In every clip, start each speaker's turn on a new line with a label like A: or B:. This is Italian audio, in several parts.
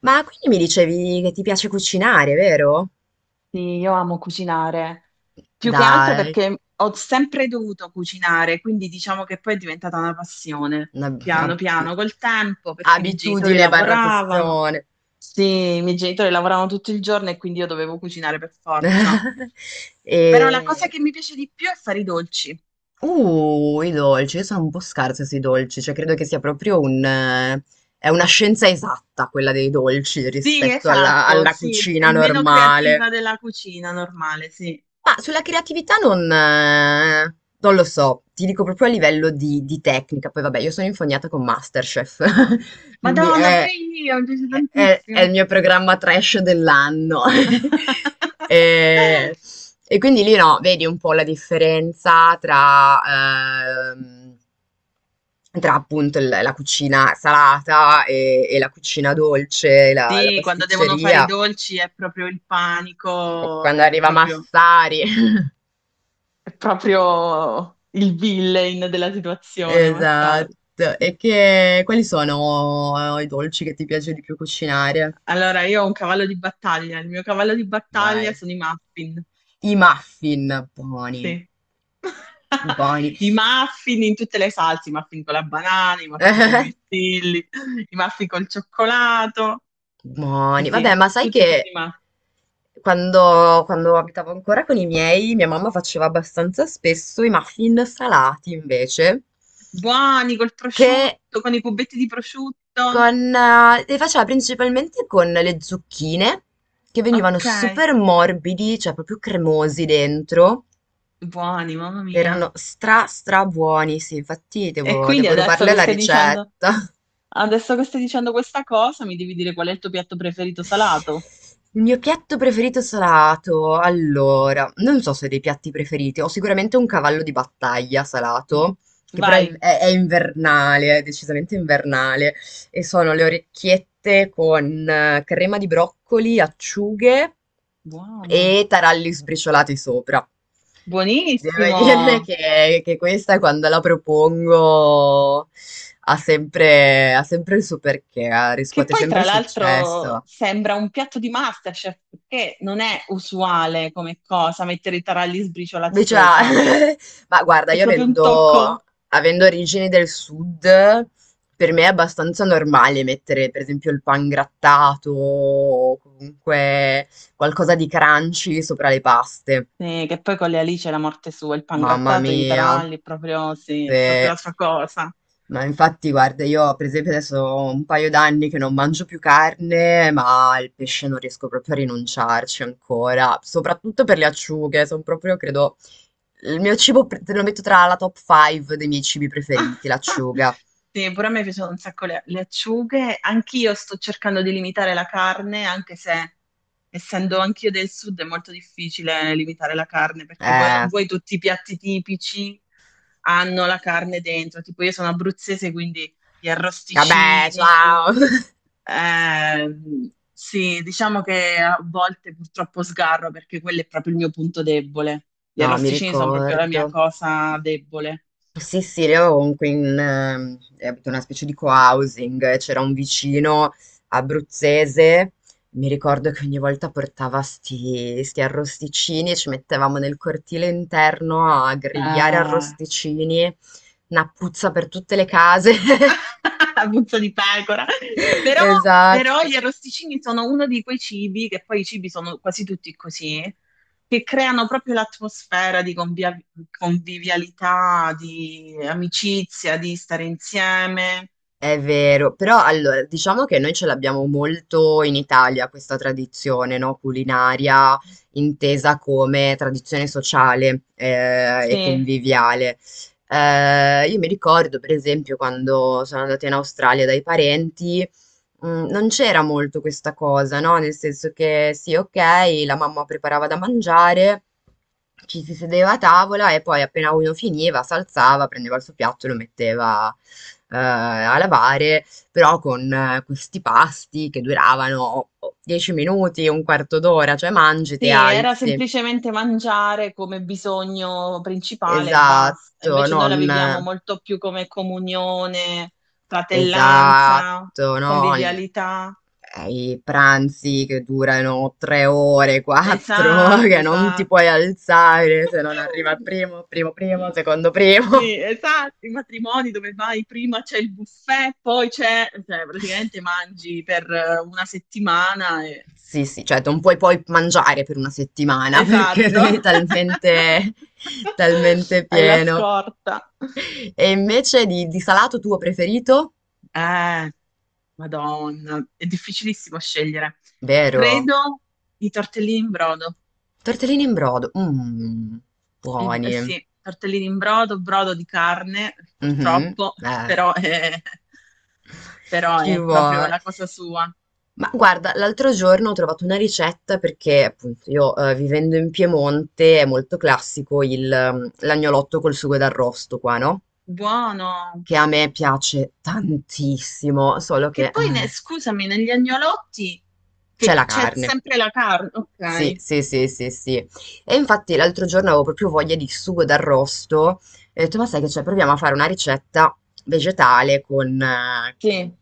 A: Ma quindi mi dicevi che ti piace cucinare, vero?
B: Sì, io amo cucinare, più che altro
A: Dai,
B: perché ho sempre dovuto cucinare, quindi diciamo che poi è diventata una passione,
A: una,
B: piano
A: una-
B: piano, col tempo, perché i miei genitori
A: abitudine barra
B: lavoravano.
A: passione.
B: Sì, i miei genitori lavoravano tutto il giorno e quindi io dovevo cucinare per forza. Però la cosa
A: E...
B: che mi piace di più è fare i dolci.
A: I dolci, io sono un po' scarsa sui dolci, cioè credo che sia proprio è una scienza esatta quella dei dolci
B: Sì,
A: rispetto alla
B: esatto, sì, è
A: cucina
B: meno
A: normale.
B: creativa della cucina normale, sì.
A: Ma sulla creatività non, non lo so, ti dico proprio a livello di tecnica, poi vabbè, io sono infognata con MasterChef, quindi
B: Madonna, pure
A: è,
B: io, mi piace
A: è il
B: tantissimo.
A: mio programma trash dell'anno. E, e quindi lì no, vedi un po' la differenza tra, ehm, tra appunto la cucina salata e la cucina dolce, la, la
B: Sì, quando devono fare i
A: pasticceria.
B: dolci è proprio il panico,
A: Quando arriva Massari.
B: è proprio il villain della situazione, ma sai.
A: Esatto. E che, quali sono i dolci che ti piace di più cucinare?
B: Allora, io ho un cavallo di battaglia, il mio cavallo di battaglia
A: Vai.
B: sono i muffin,
A: I muffin, buoni,
B: sì.
A: buoni,
B: I muffin in tutte le salse, i muffin con la banana, i muffin con i mirtilli, i muffin col cioccolato, sì,
A: buoni. Vabbè,
B: sì,
A: ma sai
B: tutti i tipi
A: che
B: di muffin.
A: quando, quando abitavo ancora con i miei, mia mamma faceva abbastanza spesso i muffin salati invece,
B: Buoni col
A: che
B: prosciutto, con i cubetti di prosciutto,
A: con, li faceva principalmente con le zucchine, che venivano
B: ok.
A: super morbidi, cioè proprio cremosi dentro.
B: Buoni, mamma mia.
A: Erano stra buoni, sì, infatti
B: E
A: devo,
B: quindi
A: devo
B: adesso
A: rubarle
B: che
A: la
B: stai dicendo,
A: ricetta.
B: adesso che stai dicendo questa cosa, mi devi dire qual è il tuo piatto preferito salato.
A: Il mio piatto preferito salato, allora, non so se ho dei piatti preferiti, ho sicuramente un cavallo di battaglia
B: Mm.
A: salato, che però è,
B: Vai.
A: è invernale, è decisamente invernale, e sono le orecchiette con crema di broccoli, acciughe
B: Buono.
A: e taralli sbriciolati sopra. Devo dire
B: Buonissimo.
A: che questa quando la propongo ha sempre il suo perché,
B: Che
A: riscuote
B: poi,
A: sempre
B: tra l'altro,
A: successo.
B: sembra un piatto di MasterChef, perché non è usuale come cosa mettere i taralli sbriciolati
A: Beh, già,
B: sopra.
A: ma guarda,
B: È proprio un tocco.
A: avendo origini del sud, per me è abbastanza normale mettere, per esempio, il pan grattato o comunque qualcosa di crunchy sopra le paste.
B: Sì, che poi con le alici è la morte sua, il
A: Mamma
B: pangrattato, e i
A: mia.
B: taralli, proprio, sì,
A: Se...
B: è proprio la sua cosa.
A: Ma infatti, guarda, io per esempio adesso ho un paio d'anni che non mangio più carne, ma il pesce non riesco proprio a rinunciarci ancora, soprattutto per le acciughe, sono proprio, credo, il mio cibo, te lo metto tra la top 5 dei miei cibi preferiti, l'acciuga.
B: Sì, pure a me piacciono un sacco le acciughe. Anch'io sto cercando di limitare la carne, anche se essendo anch'io del sud è molto difficile limitare la carne, perché vuoi o
A: Eh,
B: non vuoi tutti i piatti tipici hanno la carne dentro. Tipo io sono abruzzese, quindi gli
A: vabbè,
B: arrosticini.
A: ciao!
B: Sì, diciamo che a volte purtroppo sgarro perché quello è proprio il mio punto debole. Gli
A: No, mi
B: arrosticini sono proprio la mia
A: ricordo.
B: cosa debole.
A: Sì, sì, qui in, abito in una specie di co-housing, c'era un vicino abruzzese, mi ricordo che ogni volta portava sti, sti arrosticini e ci mettevamo nel cortile interno a grigliare
B: Eh,
A: arrosticini, una puzza per tutte le case.
B: puzza di pecora. Però, però
A: Esatto.
B: gli arrosticini sono uno di quei cibi, che poi i cibi sono quasi tutti così, che creano proprio l'atmosfera di convivialità, di amicizia, di stare insieme.
A: È vero, però allora diciamo che noi ce l'abbiamo molto in Italia questa tradizione, no? Culinaria intesa come tradizione sociale e
B: Sì,
A: conviviale. Io mi ricordo, per esempio, quando sono andata in Australia dai parenti. Mm, non c'era molto questa cosa, no? Nel senso che sì, ok, la mamma preparava da mangiare, ci si sedeva a tavola e poi appena uno finiva, si alzava, prendeva il suo piatto e lo metteva a lavare, però con questi pasti che duravano 10 minuti, un quarto d'ora, cioè mangi, ti
B: sì, era
A: alzi.
B: semplicemente mangiare come bisogno principale e basta.
A: Esatto,
B: Invece noi la
A: non...
B: viviamo molto più come comunione, fratellanza,
A: Esatto, no? Il-
B: convivialità.
A: eh, I pranzi che durano tre ore, quattro,
B: Esatto,
A: che non ti
B: esatto.
A: puoi alzare se non arriva il primo, primo, secondo primo.
B: Sì, esatto, i matrimoni dove vai prima c'è il buffet, poi c'è, cioè praticamente mangi per una settimana e...
A: Sì, sì, cioè non puoi poi mangiare per una settimana perché
B: Esatto.
A: sei talmente, talmente
B: Hai la
A: pieno.
B: scorta.
A: E invece di salato tuo preferito?
B: Eh, Madonna, è difficilissimo scegliere.
A: Vero?
B: Credo i tortellini in brodo.
A: Tortellini in brodo. Mmm, buoni.
B: Sì, tortellini in brodo, brodo di carne,
A: Mhm,
B: purtroppo,
A: eh.
B: però è, però
A: Ci
B: è proprio
A: vuole.
B: la cosa sua.
A: Ma guarda, l'altro giorno ho trovato una ricetta perché appunto io vivendo in Piemonte è molto classico il, l'agnolotto col sugo d'arrosto qua, no?
B: Buono.
A: Che a me piace tantissimo, solo che
B: Che poi, scusami, negli agnolotti
A: c'è
B: che
A: la
B: c'è
A: carne.
B: sempre la carne,
A: Sì,
B: ok,
A: sì, sì, sì, sì. E infatti l'altro giorno avevo proprio voglia di sugo d'arrosto e ho detto, ma sai che c'è? Proviamo a fare una ricetta vegetale
B: sì,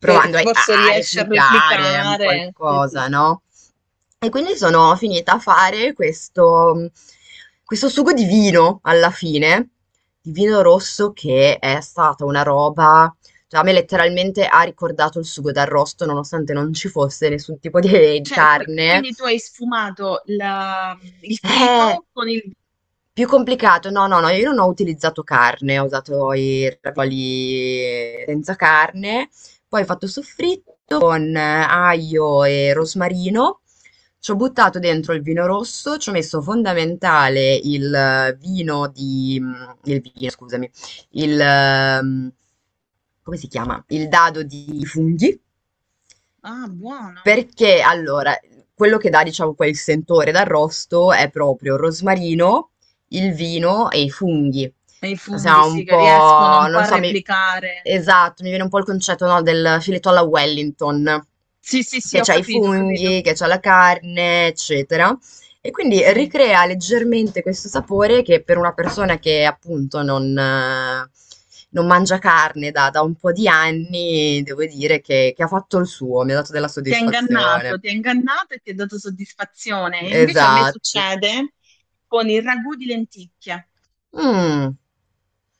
B: che
A: a,
B: forse
A: a
B: riesce a
A: replicare un
B: replicare. Sì, sì.
A: qualcosa, no? E quindi sono finita a fare questo, questo sugo di vino alla fine, di vino rosso che è stata una roba cioè, a me letteralmente ha ricordato il sugo d'arrosto, nonostante non ci fosse nessun tipo di
B: Cioè,
A: carne,
B: quindi tu hai sfumato il
A: eh,
B: trito con il...
A: più complicato. No, no, no, io non ho utilizzato carne, ho usato i ravioli senza carne. Poi ho fatto soffritto con aglio e rosmarino. Ci ho buttato dentro il vino rosso, ci ho messo fondamentale il vino, scusami, il... ehm, come si chiama? Il dado di funghi.
B: Ah, buono.
A: Perché allora, quello che dà, diciamo, quel sentore d'arrosto è proprio il rosmarino, il vino e i funghi.
B: E i funghi,
A: Siamo
B: sì,
A: un
B: che riescono
A: po',
B: un po'
A: non
B: a
A: so, mi...
B: replicare.
A: esatto, mi viene un po' il concetto, no, del filetto alla Wellington,
B: Sì, sì, sì,
A: che
B: ho
A: c'ha i
B: capito, ho capito.
A: funghi, che c'ha la carne, eccetera. E quindi
B: Sì.
A: ricrea leggermente questo sapore che per una persona che appunto non, non mangia carne da, da un po' di anni, devo dire che ha fatto il suo, mi ha dato della soddisfazione.
B: Ti ha ingannato e ti ha dato soddisfazione. E invece a me
A: Esatto.
B: succede con il ragù di lenticchie.
A: Mm.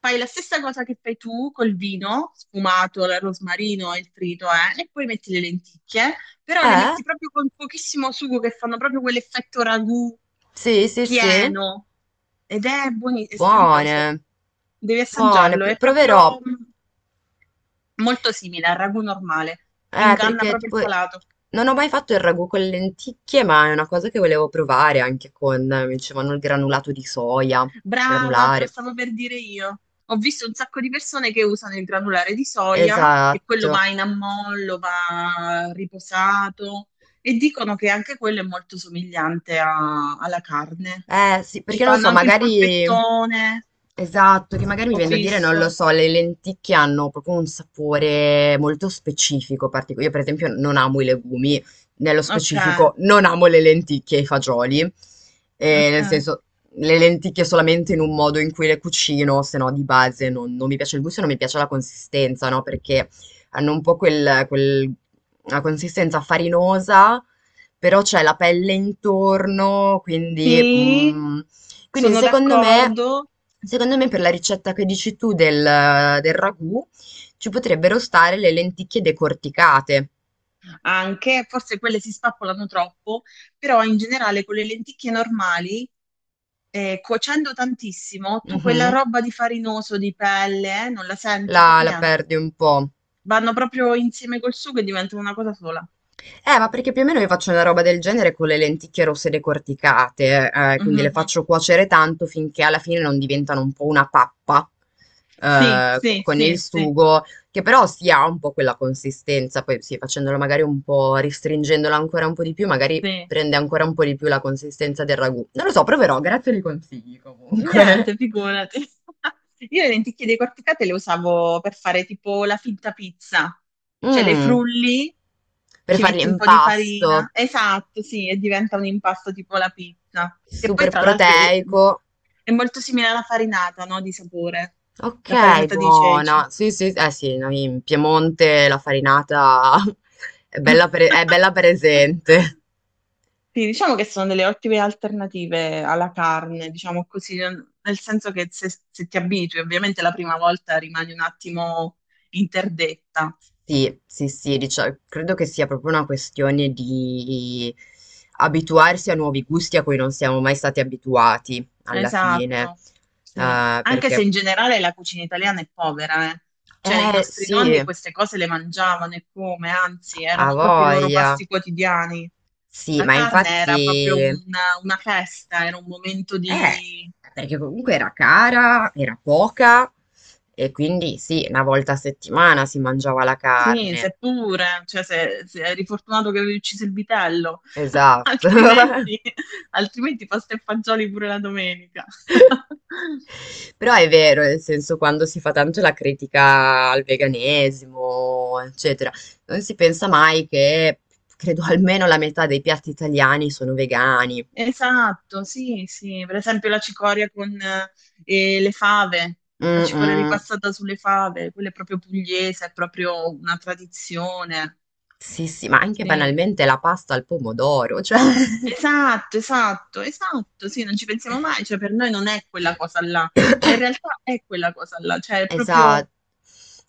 B: Fai la stessa cosa che fai tu col vino sfumato, il rosmarino e il trito, e poi metti le lenticchie, però le
A: Eh?
B: metti proprio con pochissimo sugo che fanno proprio quell'effetto ragù
A: Sì, sì, sì.
B: pieno ed è è strepitoso.
A: Buone.
B: Devi
A: Buone.
B: assaggiarlo, è
A: Proverò.
B: proprio molto simile al ragù normale, inganna
A: Perché
B: proprio il
A: tipo
B: palato.
A: non ho mai fatto il ragù con le lenticchie, ma è una cosa che volevo provare anche con, mi dicevano, il granulato di soia,
B: Brava, te lo
A: granulare.
B: stavo per dire io. Ho visto un sacco di persone che usano il granulare di soia, che quello
A: Esatto.
B: va in ammollo, va riposato, e dicono che anche quello è molto somigliante alla carne.
A: Eh sì,
B: Ci
A: perché non
B: fanno
A: so,
B: anche il
A: magari...
B: polpettone,
A: Esatto, che magari mi
B: ho
A: viene da dire, non
B: visto.
A: lo so, le lenticchie hanno proprio un sapore molto specifico, particolare. Io per esempio non amo i legumi, nello
B: Ok,
A: specifico non amo le lenticchie e i fagioli. Nel
B: ok.
A: senso le lenticchie solamente in un modo in cui le cucino, se no di base non, non mi piace il gusto e non mi piace la consistenza, no? Perché hanno un po' una consistenza farinosa però c'è la pelle intorno, quindi
B: Sì,
A: mhmm, quindi
B: sono
A: secondo me
B: d'accordo.
A: per la ricetta che dici tu del ragù ci potrebbero stare le lenticchie decorticate.
B: Anche, forse quelle si spappolano troppo, però in generale con le lenticchie normali, cuocendo tantissimo, tu
A: Mh-mh.
B: quella roba di farinoso, di pelle, non la senti
A: La
B: per niente.
A: perdi un po'.
B: Vanno proprio insieme col sugo e diventano una cosa sola.
A: Ma perché più o meno io faccio una roba del genere con le lenticchie rosse decorticate, quindi le
B: Mhm.
A: faccio cuocere tanto finché alla fine non diventano un po' una pappa,
B: Sì, sì,
A: con il
B: sì, sì,
A: sugo, che però si ha un po' quella consistenza, poi sì, facendolo magari un po', restringendola ancora un po' di più, magari
B: sì.
A: prende ancora un po' di più la consistenza del ragù. Non lo so, proverò, grazie dei consigli comunque.
B: Niente, figurati. Io le lenticchie decorticate le usavo per fare tipo la finta pizza, cioè le
A: Mm,
B: frulli,
A: per
B: ci
A: fare
B: metti un po' di farina,
A: l'impasto,
B: esatto, sì, e diventa un impasto tipo la pizza, che poi
A: super
B: tra l'altro
A: proteico.
B: è molto simile alla farinata, no, di sapore, la
A: Okay,
B: farinata di ceci.
A: buona. Sì, sì, eh sì, no, in Piemonte la farinata è è bella presente.
B: Sì, diciamo che sono delle ottime alternative alla carne, diciamo così, nel senso che se ti abitui, ovviamente la prima volta rimani un attimo interdetta.
A: Sì, sì, sì, credo che sia proprio una questione di abituarsi a nuovi gusti a cui non siamo mai stati abituati alla fine.
B: Esatto, sì. Anche se
A: Perché,
B: in generale la cucina italiana è povera, eh. Cioè i
A: eh
B: nostri nonni
A: sì,
B: queste cose le mangiavano e come, anzi,
A: ha
B: erano proprio i loro
A: voglia.
B: pasti quotidiani.
A: Sì,
B: La
A: ma
B: carne era proprio
A: infatti.
B: una festa, era un momento
A: Eh,
B: di...
A: perché comunque era cara, era poca e quindi sì, una volta a settimana si mangiava la
B: Sì,
A: carne.
B: seppure, cioè se eri fortunato che avevi ucciso il vitello,
A: Esatto.
B: altrimenti, altrimenti pasta e fagioli pure la domenica.
A: Però è vero, nel senso, quando si fa tanto la critica al veganesimo, eccetera, non si pensa mai che credo almeno la metà dei piatti italiani sono vegani.
B: Esatto, sì, sì, per esempio la cicoria con le fave, la
A: Mm,
B: cicoria
A: mm.
B: ripassata sulle fave, quella è proprio pugliese, è proprio una tradizione.
A: Sì, sì, ma anche
B: Sì.
A: banalmente la pasta al pomodoro, cioè.
B: Esatto, esatto, esatto, sì, non ci pensiamo mai, cioè per noi non è quella cosa là, ma in realtà è quella cosa là, cioè è proprio...
A: Esatto.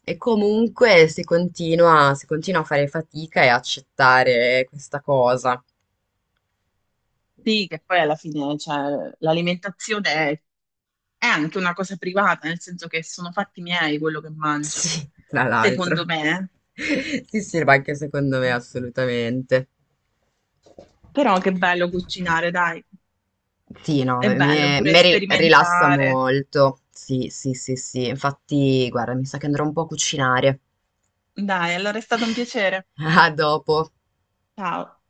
A: E comunque si continua a fare fatica e accettare questa cosa.
B: Sì, che poi alla fine, cioè, l'alimentazione è anche una cosa privata, nel senso che sono fatti miei quello che mangio,
A: Sì, tra l'altro.
B: secondo me.
A: Sì, sì, ma anche secondo me assolutamente.
B: Però che bello cucinare, dai.
A: Sì, no,
B: È
A: mi,
B: bello pure
A: mi rilassa
B: sperimentare.
A: molto. Sì, sì, sì, sì. Infatti, guarda, mi sa che andrò un po' a cucinare.
B: Dai, allora è stato un piacere.
A: A dopo.
B: Ciao.